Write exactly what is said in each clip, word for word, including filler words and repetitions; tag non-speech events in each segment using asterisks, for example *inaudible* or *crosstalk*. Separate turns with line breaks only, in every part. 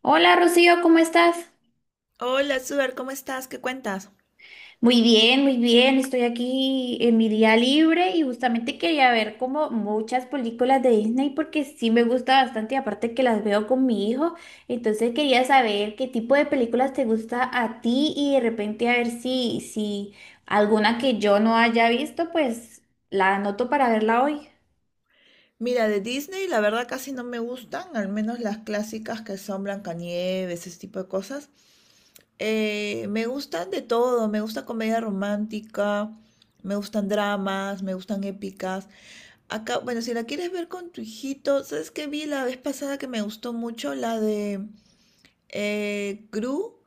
Hola Rocío, ¿cómo estás?
Hola, Suar, ¿cómo estás? ¿Qué cuentas?
Muy bien, muy bien. Estoy aquí en mi día libre y justamente quería ver como muchas películas de Disney porque sí me gusta bastante y aparte que las veo con mi hijo. Entonces quería saber qué tipo de películas te gusta a ti y de repente a ver si, si alguna que yo no haya visto, pues la anoto para verla hoy.
Mira, de Disney la verdad casi no me gustan, al menos las clásicas que son Blancanieves, ese tipo de cosas. Eh, me gustan de todo, me gusta comedia romántica, me gustan dramas, me gustan épicas. Acá, bueno, si la quieres ver con tu hijito, ¿sabes qué vi la vez pasada que me gustó mucho? La de eh, Gru,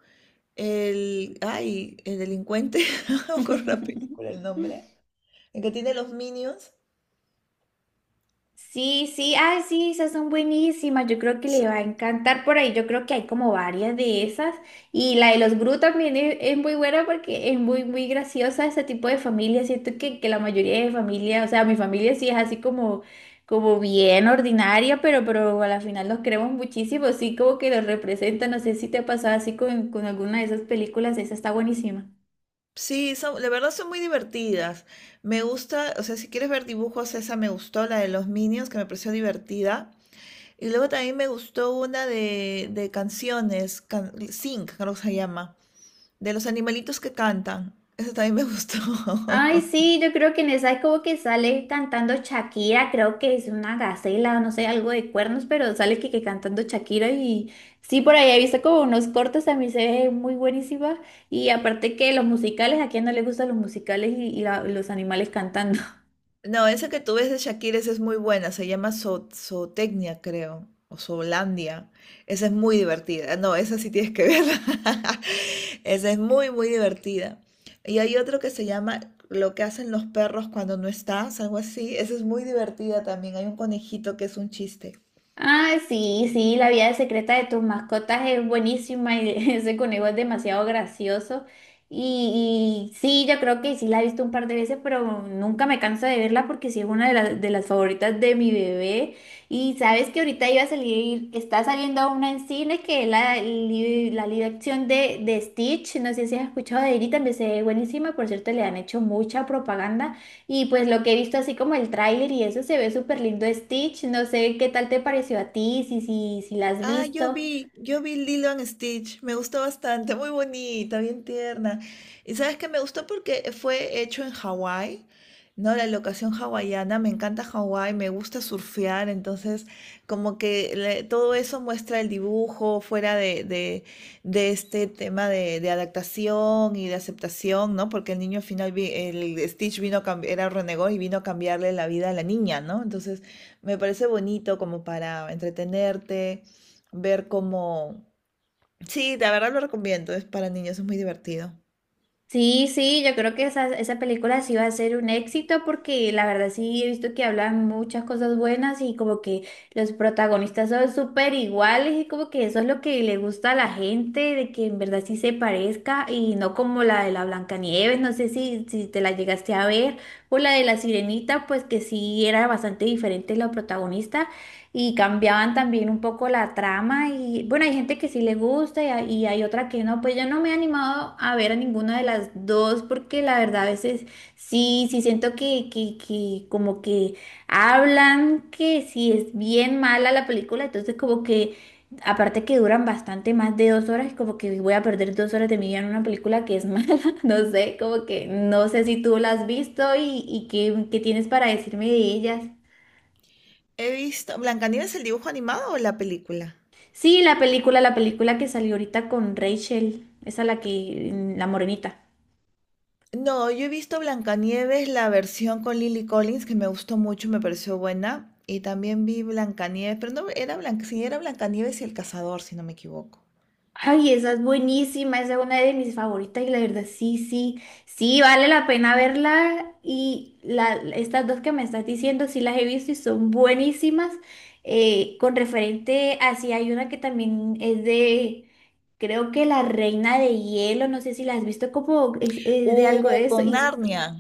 el, ay, el delincuente, *laughs* no me acuerdo la película, el
*laughs*
nombre, el que tiene los Minions.
Sí, sí, ay, sí, esas son buenísimas. Yo creo que le va a encantar por ahí. Yo creo que hay como varias de esas. Y la de los Gru también es, es muy buena porque es muy, muy graciosa ese tipo de familia. Siento que, que la mayoría de familia, o sea, mi familia sí es así como, como bien ordinaria, pero, pero a la final los queremos muchísimo. Sí, como que los representan. No sé si te ha pasado así con, con alguna de esas películas. Esa está buenísima.
Sí, son, la verdad son muy divertidas. Me gusta, o sea, si quieres ver dibujos, esa me gustó, la de los Minions, que me pareció divertida. Y luego también me gustó una de, de canciones, can, Sing, creo que se llama, de los animalitos que cantan. Esa también me gustó. *laughs*
Ay, sí, yo creo que en esa es como que sale cantando Shakira, creo que es una gacela o no sé, algo de cuernos, pero sale que, que cantando Shakira y sí, por ahí he visto como unos cortos, a mí se ve muy buenísima y aparte que los musicales, ¿a quién no le gustan los musicales y, y la- y los animales cantando?
No, esa que tú ves de Shakira, esa es muy buena, se llama Zo- Zootecnia, creo, o Zoolandia. Esa es muy divertida. No, esa sí tienes que verla. *laughs* Esa es muy, muy divertida. Y hay otro que se llama Lo que hacen los perros cuando no estás, algo así. Esa es muy divertida también. Hay un conejito que es un chiste.
Ah, sí, sí, la vida secreta de tus mascotas es buenísima y *laughs* ese conejo es demasiado gracioso. Y, y sí, yo creo que sí la he visto un par de veces, pero nunca me canso de verla porque sí es una de, las de las favoritas de mi bebé. Y sabes que ahorita iba a salir, está saliendo una en cine que es la, li- la live action de, de Stitch. No sé si has escuchado de ella y también se ve buenísima. Por cierto, le han hecho mucha propaganda. Y pues lo que he visto así como el tráiler y eso se ve súper lindo Stitch. No sé qué tal te pareció a ti, si, si, si la has
Ah, yo
visto.
vi, yo vi Lilo and Stitch, me gustó bastante, muy bonita, bien tierna. Y sabes que me gustó porque fue hecho en Hawái, ¿no? La locación hawaiana, me encanta Hawái, me gusta surfear, entonces como que le- todo eso muestra el dibujo fuera de, de, de este tema de, de adaptación y de aceptación, ¿no? Porque el niño al final, vi- el Stitch vino a cam- era renegó y vino a cambiarle la vida a la niña, ¿no? Entonces me parece bonito como para entretenerte ver cómo... Sí, la verdad lo recomiendo, es para niños, es muy divertido.
Sí, sí, yo creo que esa, esa película sí va a ser un éxito porque la verdad sí he visto que hablan muchas cosas buenas y como que los protagonistas son súper iguales y como que eso es lo que le gusta a la gente, de que en verdad sí se parezca y no como la de la Blancanieves, no sé si, si te la llegaste a ver, o la de la Sirenita, pues que sí era bastante diferente la protagonista y cambiaban también un poco la trama y bueno, hay gente que sí le gusta y hay, y hay otra que no, pues yo no me he animado a ver a ninguna de las dos porque la verdad a veces sí, sí siento que, que, que como que hablan que si es bien mala la película, entonces como que aparte que duran bastante más de dos horas, como que voy a perder dos horas de mi vida en una película que es mala, *laughs* no sé, como que no sé si tú la has visto y, y qué, qué tienes para decirme de ellas.
He visto... ¿Blancanieves el dibujo animado o la película?
Sí, la película, la película que salió ahorita con Rachel, esa la que, la morenita.
No, yo he visto Blancanieves, la versión con Lily Collins, que me gustó mucho, me pareció buena. Y también vi Blancanieves, pero no, era Blanc... sí, era Blancanieves y el cazador, si no me equivoco.
Ay, esa es buenísima, esa es una de mis favoritas y la verdad, sí, sí, sí, vale la pena verla y la, estas dos que me estás diciendo, sí las he visto y son buenísimas. Eh, con referente a, sí, hay una que también es de, creo que La Reina de Hielo, no sé si la has visto, como es, es de algo de
Uh,
eso
con
y
Narnia.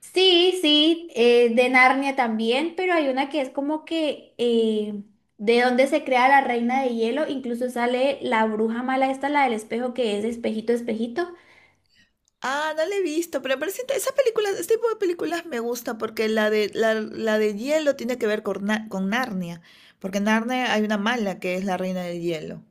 sí, sí, eh, de Narnia también, pero hay una que es como que eh, de donde se crea la reina de hielo, incluso sale la bruja mala esta, la del espejo, que es espejito, espejito.
Ah, no la he visto, pero parece inte- esa película, este tipo de películas me gusta porque la de, la, la de hielo tiene que ver con, Na- con Narnia, porque en Narnia hay una mala que es la reina del hielo.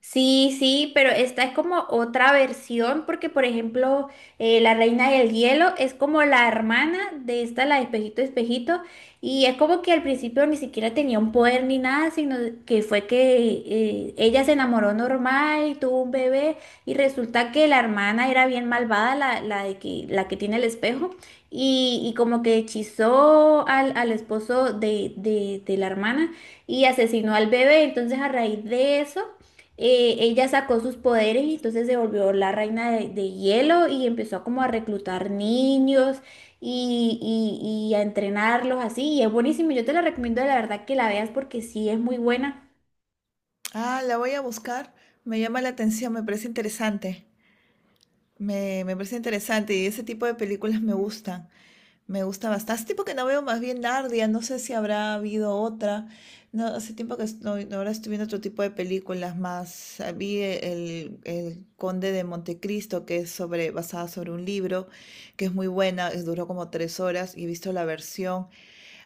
Sí, sí, pero esta es como otra versión porque, por ejemplo, eh, La Reina del Hielo es como la hermana de esta, la de Espejito Espejito, y es como que al principio ni siquiera tenía un poder ni nada, sino que fue que eh, ella se enamoró normal y tuvo un bebé, y resulta que la hermana era bien malvada, la, la de que, la que tiene el espejo, y, y como que hechizó al, al esposo de, de de la hermana y asesinó al bebé, entonces a raíz de eso eh, ella sacó sus poderes y entonces se volvió la reina de, de hielo y empezó como a reclutar niños y, y- y a entrenarlos así. Y es buenísimo, yo te la recomiendo la verdad que la veas porque sí es muy buena.
Ah, la voy a buscar, me llama la atención, me parece interesante, me, me parece interesante y ese tipo de películas me gustan. Me gusta bastante. Hace tiempo que no veo más bien Nardia, no sé si habrá habido otra. No, hace tiempo que no, no, ahora estoy viendo otro tipo de películas más. Ah, vi el, el Conde de Montecristo, que es sobre, basada sobre un libro, que es muy buena, es- duró como tres horas y he visto la versión.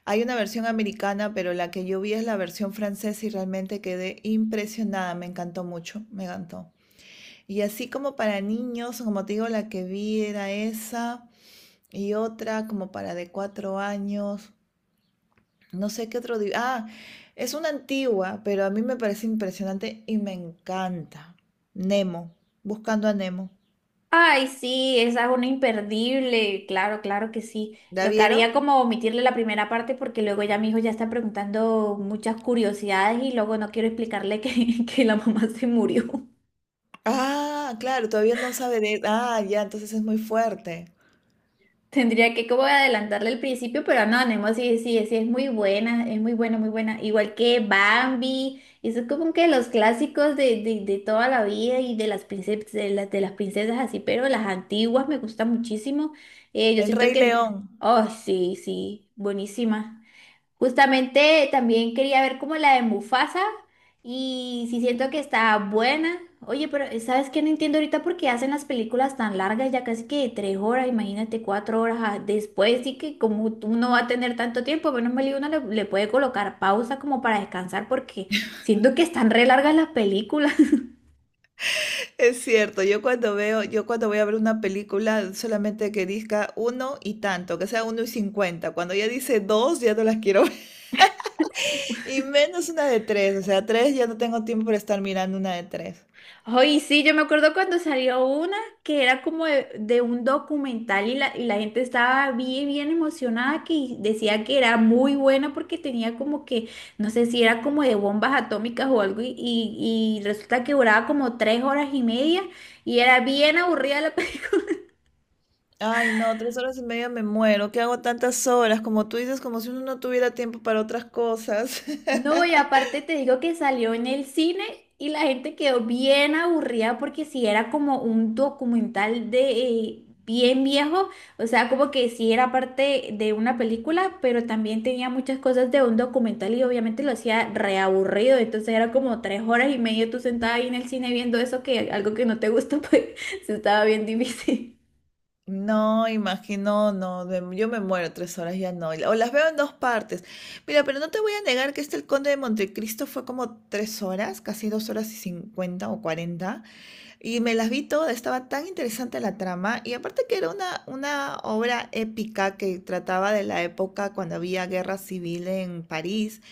Hay una versión americana, pero la que yo vi es la versión francesa y realmente quedé impresionada, me encantó mucho, me encantó. Y así como para niños, como te digo, la que vi era esa y otra como para de cuatro años. No sé qué otro. di- Ah, es una antigua, pero a mí me parece impresionante y me encanta. Nemo, buscando a Nemo.
Ay, sí, esa es una imperdible, claro, claro que sí.
¿La
Tocaría
vieron?
como omitirle la primera parte porque luego ya mi hijo ya está preguntando muchas curiosidades y luego no quiero explicarle que, *laughs* que la mamá se murió.
Ah, claro, todavía no sabe de... Ah, ya, entonces es muy fuerte.
Tendría que como adelantarle al principio, pero no, Nemo sí, sí, sí, es muy buena, es muy buena, muy buena. Igual que Bambi, eso es como que los clásicos de, de, de toda la vida y de las princesas, de las, de las princesas así, pero las antiguas me gustan muchísimo. Eh, yo
El
siento
Rey
que,
León.
oh, sí, sí, buenísima. Justamente también quería ver como la de Mufasa y si siento que está buena. Oye, pero eh, ¿sabes qué? No entiendo ahorita por qué hacen las películas tan largas, ya casi que tres horas, imagínate cuatro horas ah, después, sí que como tú no va a tener tanto tiempo, menos mal y uno le, le puede colocar pausa como para descansar porque siento que están re largas las películas.
Es cierto, yo cuando veo, yo cuando voy a ver una película solamente que diga uno y tanto, que sea uno y cincuenta. Cuando ya dice dos, ya no las quiero ver. Y menos una de tres, o sea, tres ya no tengo tiempo para estar mirando una de tres.
Ay, sí, yo me acuerdo cuando salió una que era como de, de un documental y la, y la gente estaba bien, bien emocionada que decía que era muy buena porque tenía como que, no sé si era como de bombas atómicas o algo y, y- y resulta que duraba como tres horas y media y era bien aburrida la, *laughs*
Ay, no, tres horas y media me muero. ¿Qué hago tantas horas? Como tú dices, como si uno no tuviera tiempo para otras cosas.
No, y
*laughs*
aparte te digo que salió en el cine y la gente quedó bien aburrida porque si era como un documental de eh, bien viejo, o sea, como que sí era parte de una película, pero también tenía muchas cosas de un documental y obviamente lo hacía reaburrido, entonces era como tres horas y media tú sentada ahí en el cine viendo eso que algo que no te gusta, pues *laughs* se estaba bien difícil.
No, imagino, no, me- yo me muero tres horas, ya no. O las veo en dos partes. Mira, pero no te voy a negar que este El Conde de Montecristo fue como tres horas, casi dos horas y cincuenta o cuarenta. Y me las vi todas, estaba tan interesante la trama. Y aparte que era una, una obra épica que trataba de la época cuando había guerra civil en París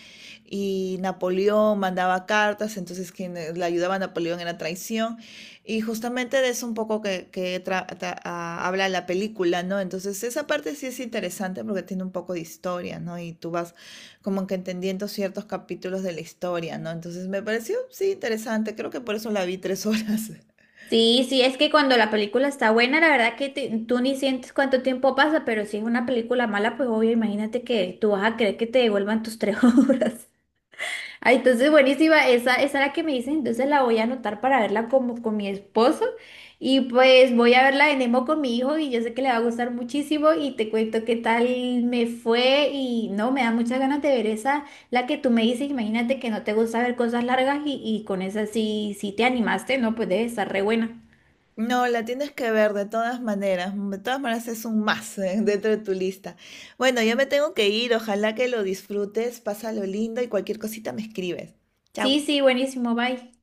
y Napoleón mandaba cartas, entonces quienes le ayudaba a Napoleón era traición. Y justamente de eso un poco que, que tra tra habla la película, ¿no? Entonces esa parte sí es interesante porque tiene un poco de historia, ¿no? Y tú vas como que entendiendo ciertos capítulos de la historia, ¿no? Entonces me pareció, sí, interesante. Creo que por eso la vi tres *laughs* horas.
Sí, sí, es que cuando la película está buena, la verdad que te- tú ni sientes cuánto tiempo pasa, pero si es una película mala, pues obvio, imagínate que tú vas a querer que te devuelvan tus tres *laughs* horas. Ah, entonces buenísima, esa, esa es la que me dicen, entonces la voy a anotar para verla como con mi esposo y pues voy a verla de Nemo con mi hijo y yo sé que le va a gustar muchísimo y te cuento qué tal me fue y no, me da muchas ganas de ver esa, la que tú me dices, imagínate que no te gusta ver cosas largas y, y con esa sí, sí te animaste, no, pues debe estar re buena.
No, la tienes que ver de todas maneras. De todas maneras es un más eh, *laughs* dentro de tu lista. Bueno, yo me tengo que ir. Ojalá que lo disfrutes. Pásalo lindo y cualquier cosita me escribes. Chao.
Sí, sí, buenísimo, bye.